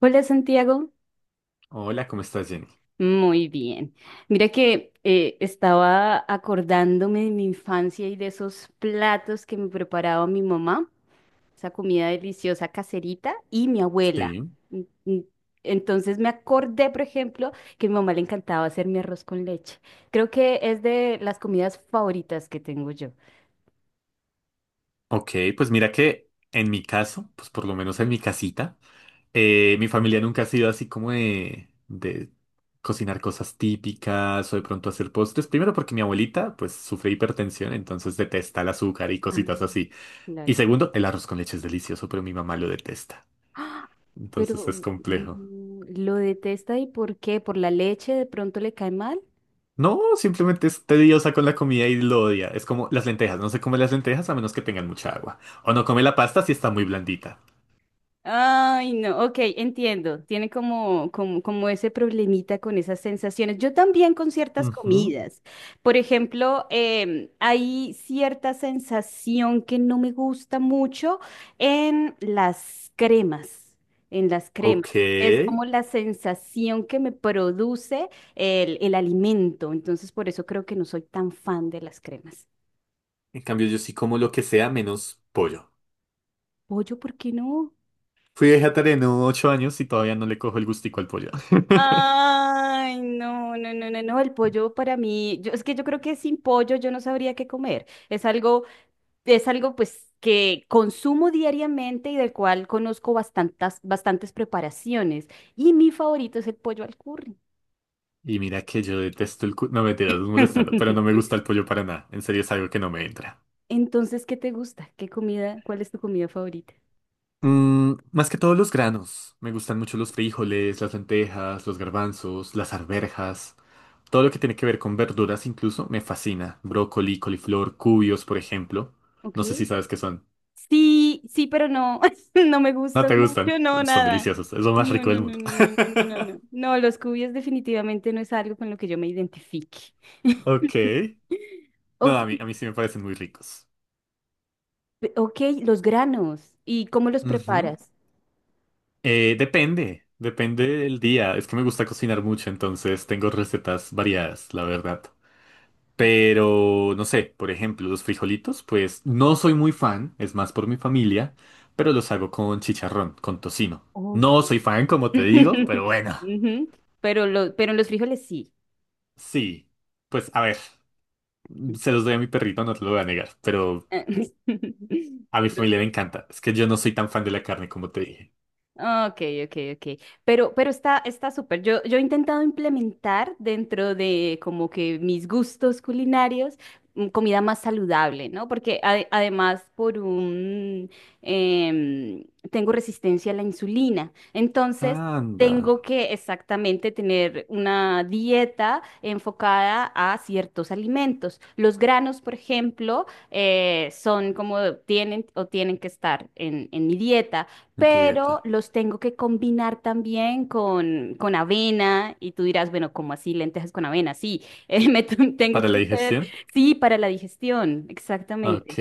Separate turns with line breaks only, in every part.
Hola Santiago,
Hola, ¿cómo estás, Jenny?
muy bien. Mira que estaba acordándome de mi infancia y de esos platos que me preparaba mi mamá, esa comida deliciosa caserita y mi abuela.
Sí.
Mm, mm, Entonces me acordé, por ejemplo, que a mi mamá le encantaba hacer mi arroz con leche. Creo que es de las comidas favoritas que tengo yo.
Ok, pues mira que en mi caso, pues por lo menos en mi casita, mi familia nunca ha sido así como de cocinar cosas típicas o de pronto hacer postres. Primero porque mi abuelita pues sufre hipertensión, entonces detesta el azúcar y
Ah,
cositas así. Y
claro.
segundo, el arroz con leche es delicioso, pero mi mamá lo detesta.
¡Ah!
Entonces es
Pero
complejo.
lo detesta, ¿y por qué? ¿Por la leche de pronto le cae mal?
No, simplemente es tediosa con la comida y lo odia. Es como las lentejas, no se come las lentejas a menos que tengan mucha agua. O no come la pasta si está muy blandita.
Ay, no, ok, entiendo. Tiene como ese problemita con esas sensaciones. Yo también con ciertas
Ujú.
comidas. Por ejemplo, hay cierta sensación que no me gusta mucho en las cremas, en las cremas.
Ok.
Es
En
como la sensación que me produce el alimento. Entonces, por eso creo que no soy tan fan de las cremas.
cambio, yo sí como lo que sea menos pollo.
Pollo, ¿por qué no?
Fui vegetariano 8 años y todavía no le cojo el gustico al pollo.
Ay, no, no, no, no, no, el pollo para mí, yo, es que yo creo que sin pollo yo no sabría qué comer. Es algo pues que consumo diariamente y del cual conozco bastantes, bastantes preparaciones. Y mi favorito es el pollo al curry.
Y mira que yo detesto el... cu- No, me tiras molestando, pero no me gusta el pollo para nada. En serio, es algo que no me entra.
Entonces, ¿qué te gusta? ¿Qué comida? ¿Cuál es tu comida favorita?
Mm, más que todos los granos. Me gustan mucho los frijoles, las lentejas, los garbanzos, las arvejas. Todo lo que tiene que ver con verduras incluso me fascina. Brócoli, coliflor, cubios, por ejemplo.
Ok.
No sé si sabes qué son.
Sí, sí, pero no, no me
No
gustas
te
mucho,
gustan.
no,
Son
nada.
deliciosos. Es lo más
No,
rico
no,
del
no,
mundo.
no, no, no, no, no. No, no, los cubios definitivamente no es algo con lo que yo me identifique.
Ok. No,
Ok,
a mí sí me parecen muy ricos.
ok, los granos. ¿Y cómo los
Ujú.
preparas?
Depende, depende del día. Es que me gusta cocinar mucho, entonces tengo recetas variadas, la verdad. Pero no sé, por ejemplo, los frijolitos, pues no soy muy fan, es más por mi familia, pero los hago con chicharrón, con tocino.
Ok.
No soy fan, como te digo, pero bueno.
Ujú, pero, pero en los frijoles sí.
Sí, pues a ver, se los doy a mi perrito, no te lo voy a negar, pero a mi
Pero
familia le encanta. Es que yo no soy tan fan de la carne, como te dije.
ok, ok, ok. Pero está, está súper. Yo he intentado implementar dentro de como que mis gustos culinarios comida más saludable, ¿no? Porque además por un em, tengo resistencia a la insulina. Entonces,
Anda.
tengo que exactamente tener una dieta enfocada a ciertos alimentos. Los granos, por ejemplo, son como tienen o tienen que estar en mi dieta,
En tu
pero
dieta.
los tengo que combinar también con avena, y tú dirás, bueno, ¿cómo así lentejas con avena? Sí, tengo
¿Para
que
la
hacer,
digestión?
sí, para la digestión, exactamente.
Ok.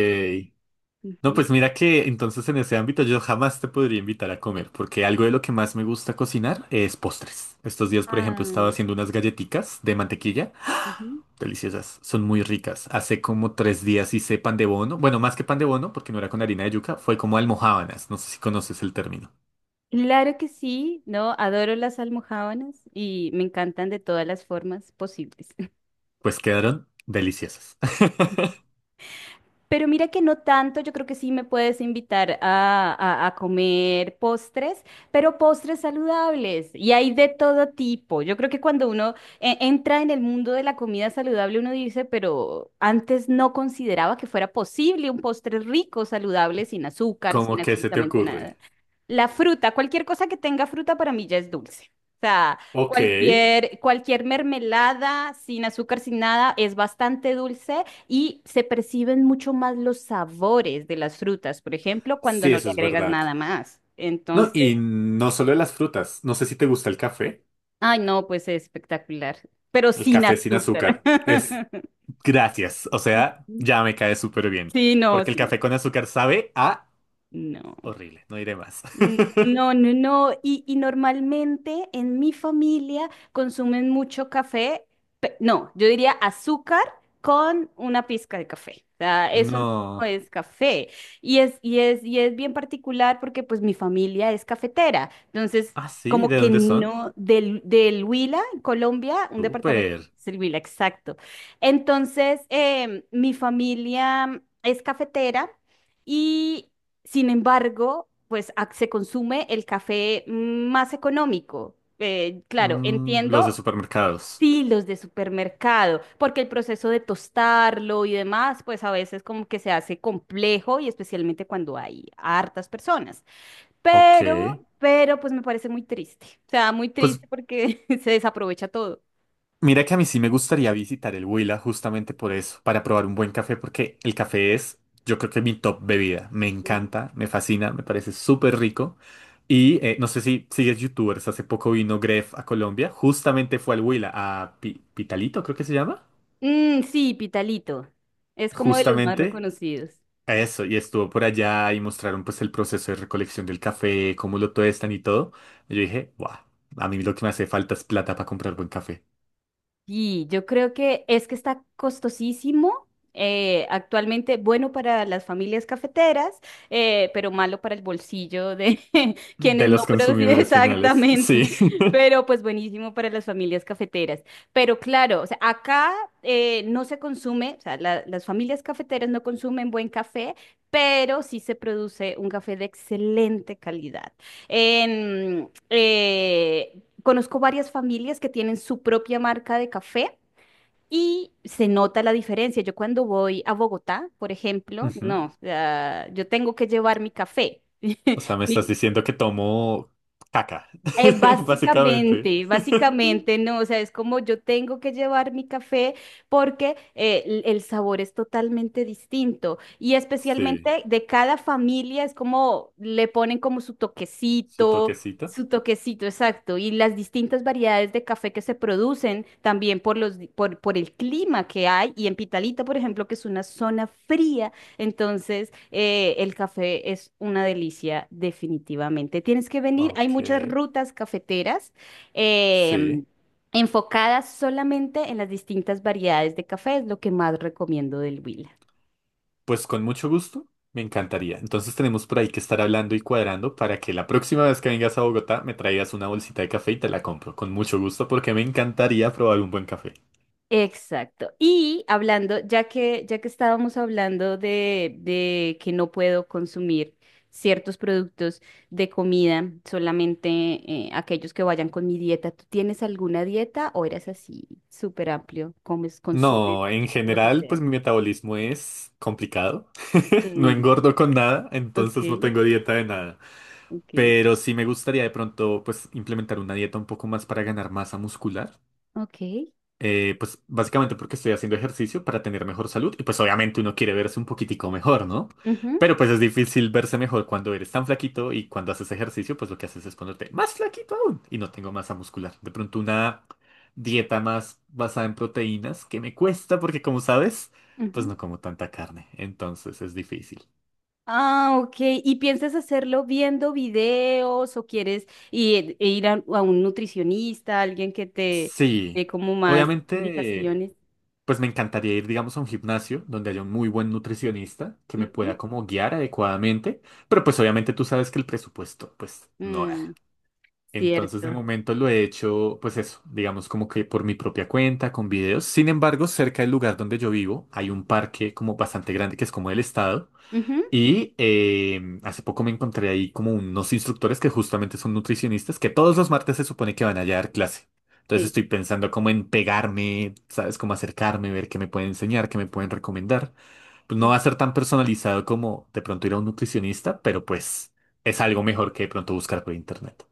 No,
Ujú.
pues mira que entonces en ese ámbito yo jamás te podría invitar a comer, porque algo de lo que más me gusta cocinar es postres. Estos días, por ejemplo, estaba
Ah,
haciendo unas galletitas de mantequilla,
ujú.
deliciosas, son muy ricas. Hace como 3 días hice pan de bono, bueno, más que pan de bono, porque no era con harina de yuca, fue como almojábanas, no sé si conoces el término.
Claro que sí, no, adoro las almojábanas y me encantan de todas las formas posibles.
Pues quedaron deliciosas.
Pero mira que no tanto, yo creo que sí me puedes invitar a, a comer postres, pero postres saludables, y hay de todo tipo. Yo creo que cuando uno entra en el mundo de la comida saludable, uno dice, pero antes no consideraba que fuera posible un postre rico, saludable, sin azúcar,
¿Cómo
sin
que se te
absolutamente nada.
ocurre?
La fruta, cualquier cosa que tenga fruta para mí ya es dulce. O sea,
Ok,
cualquier, cualquier mermelada sin azúcar, sin nada, es bastante dulce y se perciben mucho más los sabores de las frutas, por ejemplo, cuando
sí,
no
eso
le
es
agregas
verdad.
nada más.
No,
Entonces,
y no solo las frutas. No sé si te gusta el café.
ay, no, pues es espectacular, pero
El
sin
café sin
azúcar.
azúcar. Es gracias. O sea, ya me cae súper bien.
Sí, no,
Porque el
sin
café
azúcar.
con azúcar sabe a
No.
horrible. No iré más.
No, no, no. Y normalmente en mi familia consumen mucho café. No, yo diría azúcar con una pizca de café. O sea, eso no
No.
es café. Y es, y es, y es bien particular porque pues mi familia es cafetera. Entonces,
Ah, sí.
como
¿De
que
dónde son?
no, del Huila, en Colombia, un departamento
Súper.
es el Huila, exacto. Entonces, mi familia es cafetera. Y sin embargo, pues se consume el café más económico. Claro,
Mm, los de
entiendo,
supermercados.
sí, los de supermercado, porque el proceso de tostarlo y demás, pues a veces como que se hace complejo y especialmente cuando hay hartas personas.
Ok.
Pero pues me parece muy triste. O sea, muy
Pues
triste porque se desaprovecha todo.
mira que a mí sí me gustaría visitar el Huila justamente por eso, para probar un buen café, porque el café es, yo creo que mi top bebida. Me
Ujú.
encanta, me fascina, me parece súper rico. Y no sé si sigues youtubers, hace poco vino Gref a Colombia, justamente fue al Huila, a Pitalito creo que se llama,
Mm, sí, Pitalito. Es como de los más sí
justamente
reconocidos.
a eso, y estuvo por allá y mostraron pues el proceso de recolección del café, cómo lo tuestan y todo. Y yo dije, guau, a mí lo que me hace falta es plata para comprar buen café.
Y yo creo que es que está costosísimo actualmente, bueno, para las familias cafeteras, pero malo para el bolsillo de
De
quienes no
los
producen
consumidores finales,
exactamente,
sí.
pero pues buenísimo para las familias cafeteras. Pero claro, o sea, acá no se consume, o sea, las familias cafeteras no consumen buen café, pero sí se produce un café de excelente calidad. En, conozco varias familias que tienen su propia marca de café y se nota la diferencia. Yo cuando voy a Bogotá, por ejemplo,
Ujú.
no, o sea, yo tengo que llevar mi café.
O sea, me estás
Mi
diciendo que tomo caca, básicamente.
básicamente, básicamente, no, o sea, es como yo tengo que llevar mi café porque el sabor es totalmente distinto, y
Sí,
especialmente de cada familia es como le ponen como
su toquecito.
su toquecito, exacto, y las distintas variedades de café que se producen también por los, por el clima que hay, y en Pitalita, por ejemplo, que es una zona fría, entonces, el café es una delicia definitivamente. Tienes que venir, hay
Ok,
muchas rutas cafeteras.
sí.
em, Enfocadas solamente en las distintas variedades de café, es lo que más recomiendo del Huila.
Pues con mucho gusto, me encantaría. Entonces tenemos por ahí que estar hablando y cuadrando para que la próxima vez que vengas a Bogotá me traigas una bolsita de café y te la compro. Con mucho gusto porque me encantaría probar un buen café.
Exacto. Y hablando, ya que estábamos hablando de que no puedo consumir ciertos productos de comida, solamente aquellos que vayan con mi dieta, ¿tú tienes alguna dieta o eres así súper amplio? ¿Comes, consumes
No, en
lo que
general,
sea?
pues mi metabolismo es complicado. No
Mm,
engordo con nada,
ok,
entonces no tengo dieta de nada.
ok,
Pero sí me gustaría de pronto pues implementar una dieta un poco más para ganar masa muscular.
ok.
Pues básicamente porque estoy haciendo ejercicio para tener mejor salud y pues obviamente uno quiere verse un poquitico mejor, ¿no?
Ujú,
Pero pues es difícil verse mejor cuando eres tan flaquito y cuando haces ejercicio pues lo que haces es ponerte más flaquito aún y no tengo masa muscular. De pronto una dieta más basada en proteínas que me cuesta porque como sabes pues
ujú.
no como tanta carne, entonces es difícil.
Ah, ok. ¿Y piensas hacerlo viendo videos o quieres ir, ir a un nutricionista, alguien que te dé
Sí,
como más
obviamente...
indicaciones?
Pues me encantaría ir, digamos, a un gimnasio donde haya un muy buen nutricionista que me pueda
Ujú.
como guiar adecuadamente, pero pues obviamente tú sabes que el presupuesto, pues no da.
Mm,
Entonces de
cierto.
momento lo he hecho, pues eso, digamos como que por mi propia cuenta, con videos. Sin embargo, cerca del lugar donde yo vivo hay un parque como bastante grande que es como del estado
Ujú,
y hace poco me encontré ahí como unos instructores que justamente son nutricionistas que todos los martes se supone que van a dar clase. Entonces estoy pensando como en pegarme, ¿sabes? Cómo acercarme, ver qué me pueden enseñar, qué me pueden recomendar. Pues no va
sí.
a ser tan personalizado como de pronto ir a un nutricionista, pero pues es algo mejor que de pronto buscar por internet.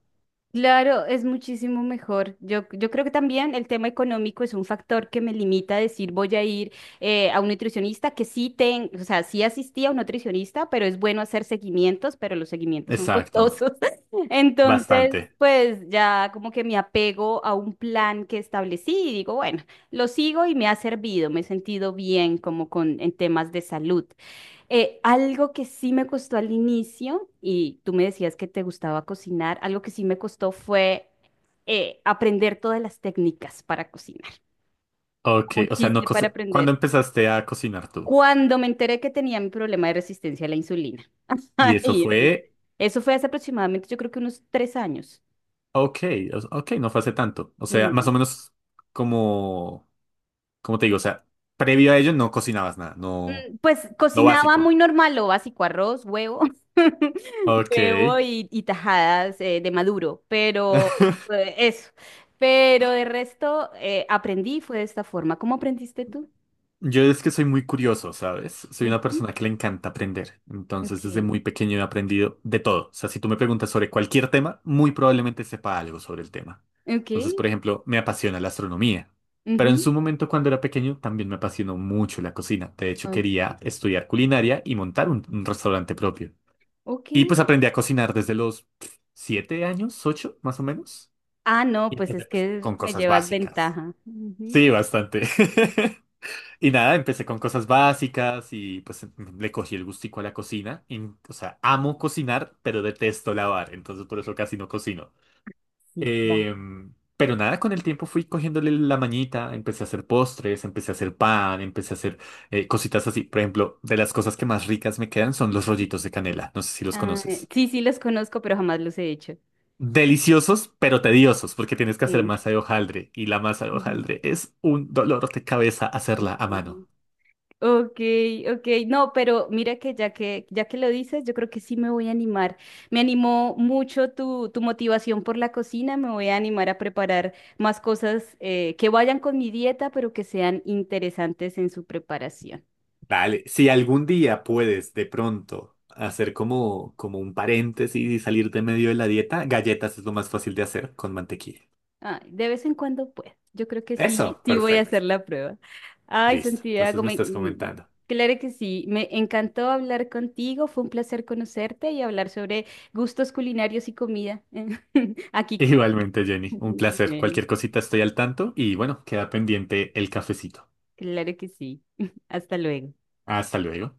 Claro, es muchísimo mejor. Yo creo que también el tema económico es un factor que me limita a decir voy a ir a un nutricionista que sí ten, o sea, sí asistí a un nutricionista, pero es bueno hacer seguimientos, pero los seguimientos son
Exacto,
costosos. Entonces,
bastante.
pues ya como que me apego a un plan que establecí y digo, bueno, lo sigo y me ha servido, me he sentido bien como con en temas de salud. Algo que sí me costó al inicio, y tú me decías que te gustaba cocinar, algo que sí me costó fue aprender todas las técnicas para cocinar.
Ok,
¿Cómo
o sea, no
hiciste para
cosa- ¿Cuándo
aprender?
empezaste a cocinar tú?
Cuando me enteré que tenía mi problema de resistencia a la insulina.
Y eso
Ahí empecé.
fue,
Eso fue hace aproximadamente, yo creo que unos tres años.
ok, o- ok, no fue hace tanto. O sea, más o menos como como te digo, o sea, previo a ello no cocinabas nada, no,
Mm, pues
lo
cocinaba
básico.
muy normal, lo básico, arroz, huevo,
Ok.
huevo y tajadas de maduro, pero eso. Pero de resto aprendí, fue de esta forma. ¿Cómo aprendiste tú?
Yo es que soy muy curioso, ¿sabes? Soy una
Ujú,
persona que le encanta aprender. Entonces, desde
ok,
muy pequeño he aprendido de todo. O sea, si tú me preguntas sobre cualquier tema, muy probablemente sepa algo sobre el tema.
ok,
Entonces, por ejemplo, me apasiona la astronomía. Pero en
ujú,
su momento, cuando era pequeño, también me apasionó mucho la cocina. De hecho,
ok.
quería estudiar culinaria y montar un restaurante propio.
Ok.
Y pues aprendí a cocinar desde los pff, 7 años, 8, más o menos.
Ah, no,
Y
pues
empecé
es
pues,
que
con
me
cosas
llevas
básicas.
ventaja. Ujú.
Sí, bastante. Y nada, empecé con cosas básicas y pues le cogí el gustico a la cocina. Y, o sea, amo cocinar, pero detesto lavar, entonces por eso casi no cocino.
Sí, claro.
Pero nada, con el tiempo fui cogiéndole la mañita, empecé a hacer postres, empecé a hacer pan, empecé a hacer cositas así. Por ejemplo, de las cosas que más ricas me quedan son los rollitos de canela. No sé si los
Ah,
conoces.
sí, sí los conozco, pero jamás los he hecho.
Deliciosos, pero tediosos, porque tienes que hacer
Mm,
masa de hojaldre y la masa de
ujú,
hojaldre es un dolor de cabeza hacerla
ok.
a mano.
Ok, ok, no, pero mira que ya que lo dices, yo creo que sí me voy a animar. Me animó mucho tu, tu motivación por la cocina, me voy a animar a preparar más cosas que vayan con mi dieta, pero que sean interesantes en su preparación.
Dale, si algún día puedes de pronto hacer como un paréntesis y salir de medio de la dieta, galletas es lo más fácil de hacer con mantequilla.
Ay, de vez en cuando, pues, yo creo que sí,
Eso,
sí voy a hacer
perfecto.
la prueba. Ay,
Listo. Entonces
Santiago,
me
me,
estás comentando.
claro que sí, me encantó hablar contigo, fue un placer conocerte y hablar sobre gustos culinarios y comida. Aquí
Igualmente, Jenny, un placer.
bueno,
Cualquier cosita estoy al tanto y bueno, queda pendiente el cafecito.
claro que sí. Hasta luego.
Hasta luego.